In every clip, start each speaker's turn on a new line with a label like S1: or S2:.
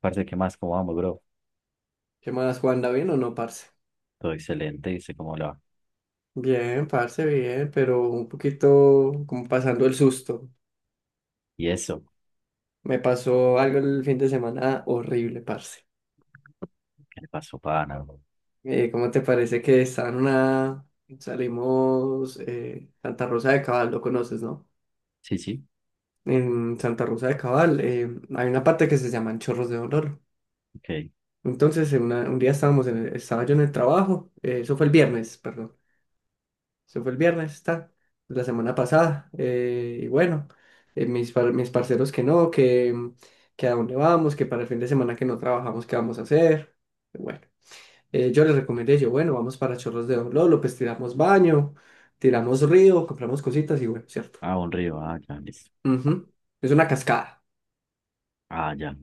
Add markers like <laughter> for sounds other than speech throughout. S1: Parce, ¿qué más? ¿Cómo vamos, bro?
S2: ¿Qué más, Juan? ¿Da bien o no, parce?
S1: Todo excelente, dice, ¿cómo le va?
S2: Bien, parce, bien, pero un poquito como pasando el susto.
S1: ¿Y eso?
S2: Me pasó algo el fin de semana horrible, parce.
S1: ¿Qué le pasó, pana, bro?
S2: ¿Cómo te parece que está en una. Salimos Santa Rosa de Cabal, lo conoces, ¿no?
S1: Sí, sí,
S2: En Santa Rosa de Cabal hay una parte que se llaman Chorros de Dolor.
S1: ok.
S2: Entonces, un día estábamos estaba yo en el trabajo, eso fue el viernes, perdón. Se fue el viernes, está, la semana pasada. Y bueno, mis parceros que no, que a dónde vamos, que para el fin de semana que no trabajamos, ¿qué vamos a hacer? Bueno, yo les recomendé, yo, bueno, vamos para Chorros de Don Lolo, pues tiramos baño, tiramos río, compramos cositas y bueno, ¿cierto?
S1: Ah, un río, ah, ya, listo.
S2: Ujú. Es una cascada.
S1: Ah, ya,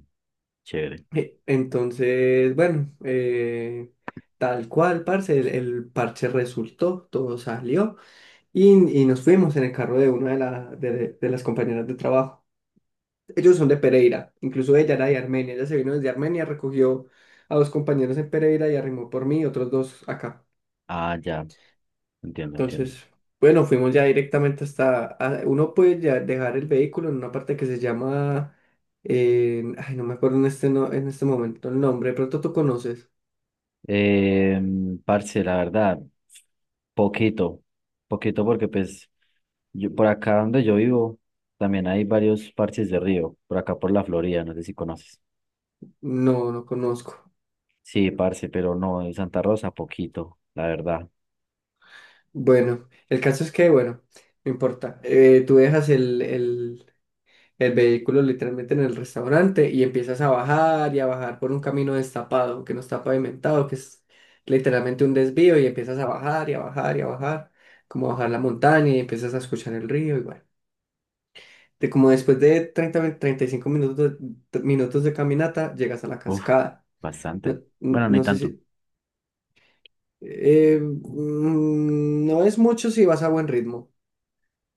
S1: chévere.
S2: Entonces, bueno, tal cual, parce, el parche resultó, todo salió. Y, y nos fuimos en el carro de una de las compañeras de trabajo. Ellos son de Pereira, incluso ella era de Armenia, ella se vino desde Armenia, recogió a dos compañeros en Pereira y arrimó por mí, otros dos acá.
S1: Ah, ya, entiendo, entiendo.
S2: Entonces, bueno, fuimos ya directamente uno puede ya dejar el vehículo en una parte que se llama, ay, no me acuerdo en este, no, en este momento el nombre, de pronto tú conoces.
S1: Eh, Parce, la verdad, poquito, poquito porque pues yo, por acá donde yo vivo también hay varios parches de río, por acá por la Florida, no sé si conoces.
S2: No, no conozco.
S1: Sí, parce, pero no, en Santa Rosa, poquito, la verdad.
S2: Bueno, el caso es que, bueno, no importa. Tú dejas el vehículo literalmente en el restaurante y empiezas a bajar y a bajar por un camino destapado que no está pavimentado, que es literalmente un desvío y empiezas a bajar y a bajar y a bajar, como bajar la montaña y empiezas a escuchar el río y bueno. De como después de 35 minutos minutos de caminata, llegas a la
S1: Uf,
S2: cascada.
S1: bastante.
S2: No,
S1: Bueno, ni
S2: no sé
S1: tanto.
S2: si. No es mucho si vas a buen ritmo,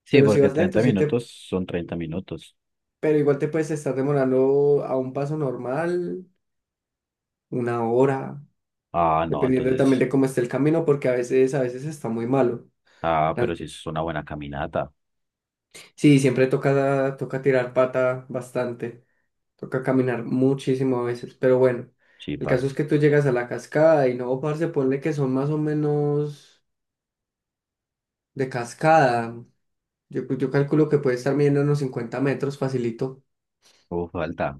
S1: Sí,
S2: pero si
S1: porque
S2: vas
S1: 30
S2: lento, sí te.
S1: minutos son 30 minutos.
S2: Pero igual te puedes estar demorando a un paso normal, una hora,
S1: Ah, no,
S2: dependiendo también
S1: entonces.
S2: de cómo esté el camino, porque a veces está muy malo.
S1: Ah, pero sí
S2: Ante-
S1: es una buena caminata.
S2: Sí, siempre toca tirar pata bastante, toca caminar muchísimo a veces, pero bueno,
S1: Sí,
S2: el caso
S1: parce.
S2: es que tú llegas a la cascada y no, parce, ponle que son más o menos de cascada. Yo, pues, yo calculo que puede estar midiendo unos 50 metros, facilito.
S1: Uf, falta.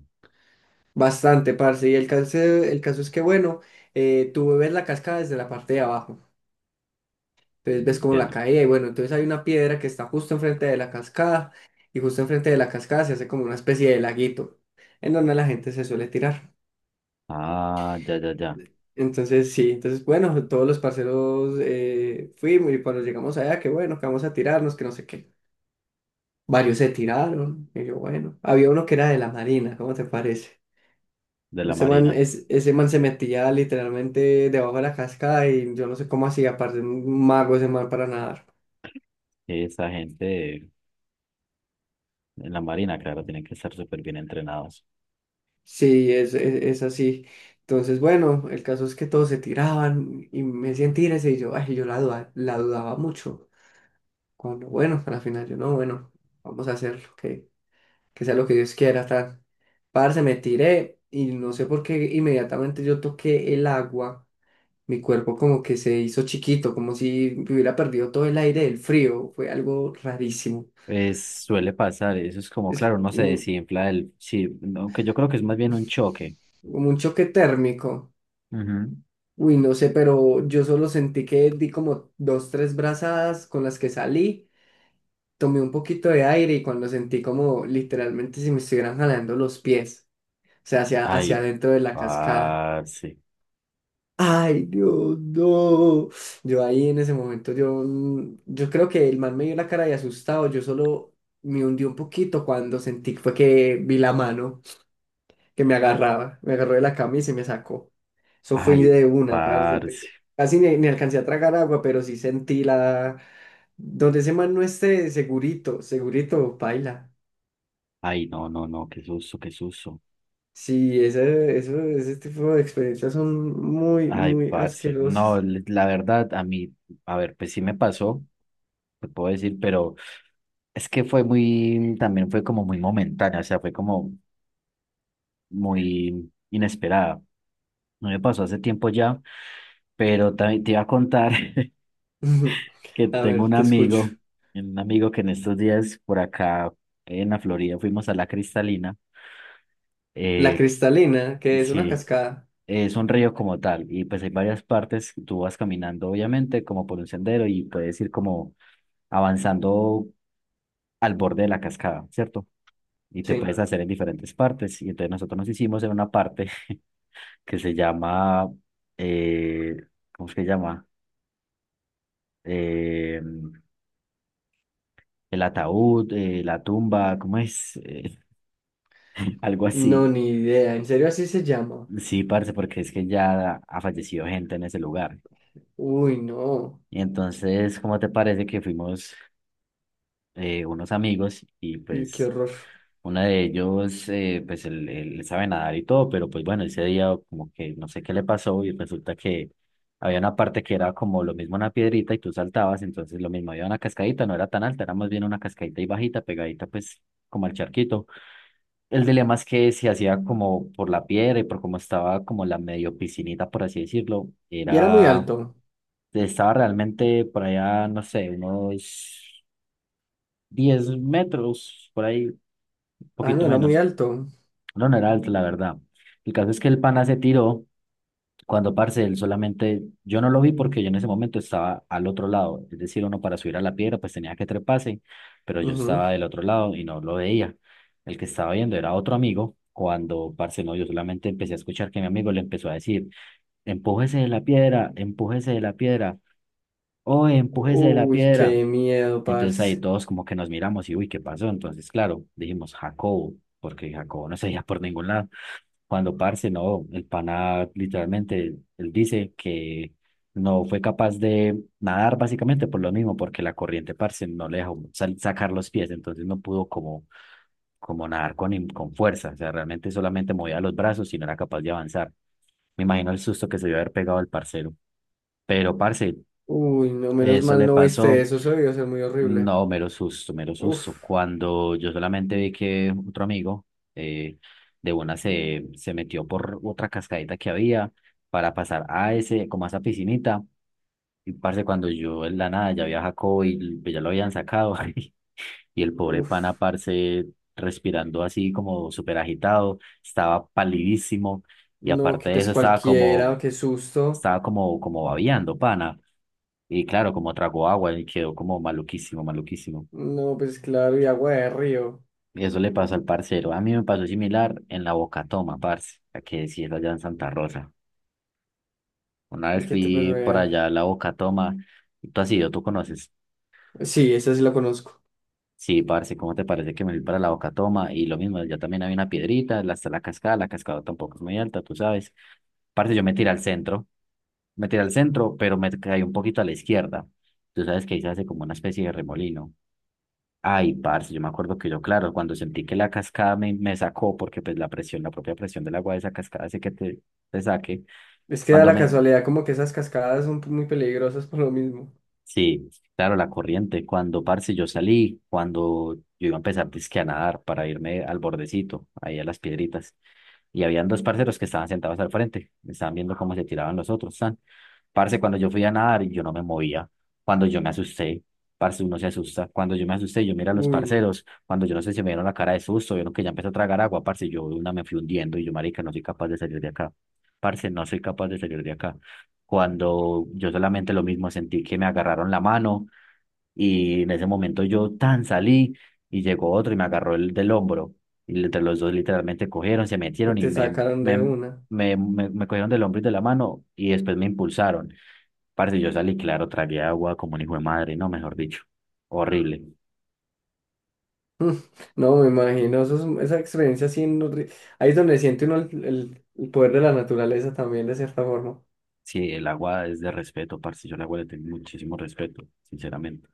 S2: Bastante, parce. Y el caso es que, bueno, tú ves la cascada desde la parte de abajo. Entonces ves como la
S1: Entiendo.
S2: caída y bueno, entonces hay una piedra que está justo enfrente de la cascada y justo enfrente de la cascada se hace como una especie de laguito en donde la gente se suele tirar.
S1: Ah, ya, ya, ya.
S2: Entonces sí, entonces bueno, todos los parceros fuimos y cuando llegamos allá, que bueno, que vamos a tirarnos, que no sé qué. Varios se tiraron y yo bueno, había uno que era de la marina, ¿cómo te parece?
S1: De la
S2: Ese man,
S1: Marina.
S2: es, ese man se metía literalmente debajo de la cascada y yo no sé cómo hacía, aparte un mago ese man para nadar.
S1: Esa gente en la Marina, claro, tienen que estar súper bien entrenados.
S2: Sí, es así. Entonces, bueno, el caso es que todos se tiraban y me decían tírese y yo, ay, la dudaba mucho. Cuando, bueno, a la final yo no, bueno, vamos a hacerlo, que sea lo que Dios quiera, tal. Parce, me tiré y no sé por qué inmediatamente yo toqué el agua, mi cuerpo como que se hizo chiquito, como si me hubiera perdido todo el aire del frío, fue algo rarísimo.
S1: Es, suele pasar, eso es como,
S2: Es
S1: claro, no se
S2: como
S1: desinfla el. Sí, aunque yo creo que es más bien un choque.
S2: como un choque térmico.
S1: Ujú.
S2: Uy, no sé, pero yo solo sentí que di como dos, tres brazadas con las que salí, tomé un poquito de aire y cuando sentí como literalmente si me estuvieran jalando los pies, o sea, hacia
S1: Ay,
S2: adentro de la cascada.
S1: parce.
S2: Ay, Dios, no. Yo ahí en ese momento, yo creo que el man me dio la cara de asustado, yo solo me hundí un poquito cuando sentí fue que vi la mano, que me agarraba, me agarró de la camisa y me sacó. Eso fue
S1: Ay,
S2: de una, parce. Pero
S1: parce.
S2: casi ni alcancé a tragar agua, pero sí sentí la. Donde ese man no esté, segurito, segurito, paila.
S1: Ay, no, no, no, qué susto, qué susto.
S2: Sí, ese tipo de experiencias son muy,
S1: Ay,
S2: muy
S1: parce, no,
S2: asquerosas.
S1: la verdad, a mí, a ver, pues sí me pasó, te puedo decir, pero es que fue muy, también fue como muy momentánea, o sea, fue como muy inesperada. No me pasó hace tiempo ya, pero también te iba a contar <laughs> que
S2: <laughs> A
S1: tengo
S2: ver, te escucho.
S1: un amigo que en estos días por acá en la Florida fuimos a la Cristalina.
S2: La
S1: Eh,
S2: Cristalina, que es una
S1: sí,
S2: cascada.
S1: es un río como tal, y pues hay varias partes, tú vas caminando obviamente como por un sendero y puedes ir como avanzando al borde de la cascada, ¿cierto? Y te
S2: Sí.
S1: puedes hacer en diferentes partes. Y entonces nosotros nos hicimos en una parte <laughs> que se llama, eh, ¿cómo es que se llama? Eh, el ataúd, la tumba, ¿cómo es? <laughs> Algo
S2: No,
S1: así.
S2: ni idea. ¿En serio así se llama?
S1: Sí, parce, porque es que ya ha fallecido gente en ese lugar.
S2: Uy, no.
S1: Y entonces, ¿cómo te parece que fuimos unos amigos y
S2: Uy, qué
S1: pues
S2: horror.
S1: una de ellos, pues él sabe nadar y todo, pero pues bueno, ese día como que no sé qué le pasó y resulta que había una parte que era como lo mismo una piedrita y tú saltabas, entonces lo mismo, había una cascadita, no era tan alta, era más bien una cascadita y bajita, pegadita pues como al charquito. El dilema es que se hacía como por la piedra y por cómo estaba como la medio piscinita, por así decirlo,
S2: Y era muy
S1: era,
S2: alto.
S1: estaba realmente por allá, no sé, unos 10 metros, por ahí,
S2: Ah, no,
S1: poquito
S2: era muy
S1: menos.
S2: alto.
S1: No, no era alto, la verdad. El caso es que el pana se tiró cuando, parce, él solamente, yo no lo vi porque yo en ese momento estaba al otro lado, es decir, uno para subir a la piedra pues tenía que treparse, pero yo
S2: Ujú.
S1: estaba del otro lado y no lo veía. El que estaba viendo era otro amigo, cuando, parce, no, yo solamente empecé a escuchar que mi amigo le empezó a decir, empújese de la piedra, empújese de la piedra, oye, empújese de la
S2: Uy,
S1: piedra.
S2: qué miedo,
S1: Y entonces ahí
S2: parce.
S1: todos como que nos miramos y, uy, ¿qué pasó? Entonces, claro, dijimos, Jacobo, porque Jacobo no se veía por ningún lado. Cuando parce, no, el pana literalmente, él dice que no fue capaz de nadar básicamente por lo mismo, porque la corriente, parce, no le dejó sacar los pies, entonces no pudo como, como nadar con, con fuerza, o sea, realmente solamente movía los brazos y no era capaz de avanzar. Me imagino el susto que se debió haber pegado el parcero, pero parce,
S2: Uy, no, menos
S1: eso
S2: mal
S1: le
S2: no viste
S1: pasó.
S2: eso, eso debió ser muy horrible.
S1: No, mero susto, mero susto.
S2: Uf,
S1: Cuando yo solamente vi que otro amigo eh, de una se metió por otra cascadita que había para pasar a ese, como a esa piscinita. Y parce, cuando yo en la nada ya había Jacobo y pues, ya lo habían sacado. <laughs> Y el pobre pana,
S2: uf,
S1: parce, respirando así como súper agitado, estaba palidísimo. Y
S2: no,
S1: aparte
S2: que
S1: de
S2: pues
S1: eso,
S2: cualquiera, qué susto.
S1: estaba como, como babeando, pana. Y claro, como tragó agua y quedó como maluquísimo, maluquísimo.
S2: No, pues claro, y agua de río.
S1: Eso le pasó al parcero. A mí me pasó similar en la Bocatoma parce, la que sí es allá en Santa Rosa. Una
S2: ¿Y
S1: vez
S2: qué te
S1: fui
S2: pasó
S1: por
S2: ya?
S1: allá a la Bocatoma. Tú has ido, tú conoces.
S2: Sí, esa sí la conozco.
S1: Sí, parce, ¿cómo te parece que me fui para la Bocatoma? Y lo mismo, allá también había una piedrita, está la cascada tampoco es muy alta, tú sabes. Parce, yo me tiré al centro, me tiré al centro, pero me caí un poquito a la izquierda. Tú sabes que ahí se hace como una especie de remolino. Ay, parce, yo me acuerdo que yo, claro, cuando sentí que la cascada me sacó, porque pues la presión, la propia presión del agua de esa cascada hace que te saque.
S2: Es que da
S1: Cuando
S2: la
S1: me,
S2: casualidad como que esas cascadas son muy peligrosas por lo mismo.
S1: sí, claro, la corriente. Cuando, parce, yo salí, cuando yo iba a empezar dizque a nadar para irme al bordecito, ahí a las piedritas. Y habían dos parceros que estaban sentados al frente, estaban viendo cómo se tiraban los otros, tan. Parce, cuando yo fui a nadar, yo no me movía, cuando yo me asusté, parce, uno se asusta, cuando yo me asusté, yo miré a los
S2: Uy,
S1: parceros, cuando yo no sé si me dieron la cara de susto, vieron que ya empezó a tragar agua, parce, yo de una me fui hundiendo y yo, marica, no soy capaz de salir de acá, parce, no soy capaz de salir de acá. Cuando yo solamente lo mismo sentí que me agarraron la mano y en ese momento yo tan salí y llegó otro y me agarró el del hombro. Y entre los dos literalmente cogieron, se
S2: y
S1: metieron y
S2: te sacaron de
S1: me,
S2: una. <laughs>
S1: me cogieron del hombro y de la mano y después me impulsaron. Parce, yo salí, claro, tragué agua como un hijo de madre, no, mejor dicho, horrible.
S2: Mm, no, me imagino, esa experiencia así, ahí es donde siente uno el poder de la naturaleza también, de cierta forma.
S1: Sí, el agua es de respeto, parce, yo el agua le tengo muchísimo respeto, sinceramente.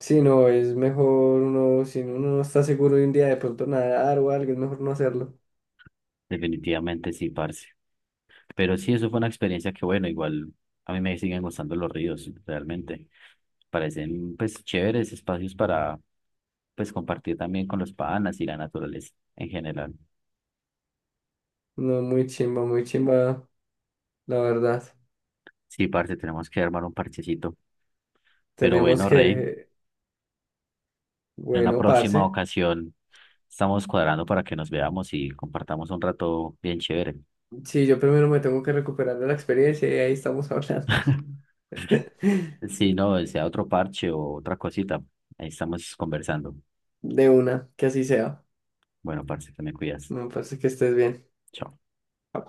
S2: Sí, no, es mejor uno, si uno no está seguro de un día de pronto nadar o algo, es mejor no hacerlo.
S1: Definitivamente sí, parce. Pero sí, eso fue una experiencia que, bueno, igual a mí me siguen gustando los ríos, realmente. Parecen, pues, chéveres espacios para, pues, compartir también con los panas y la naturaleza en general.
S2: No, muy chimba, la verdad.
S1: Sí, parce, tenemos que armar un parchecito. Pero
S2: Tenemos
S1: bueno, Rey,
S2: que,
S1: en una
S2: bueno,
S1: próxima
S2: parce.
S1: ocasión estamos cuadrando para que nos veamos y compartamos un rato bien chévere.
S2: Sí, yo primero me tengo que recuperar de la experiencia y ahí estamos hablando.
S1: <laughs>
S2: <laughs>
S1: Sí, no, sea otro parche o otra cosita. Ahí estamos conversando.
S2: De una, que así sea.
S1: Bueno, parce, te me cuidas.
S2: Me parece que estés bien.
S1: Chao.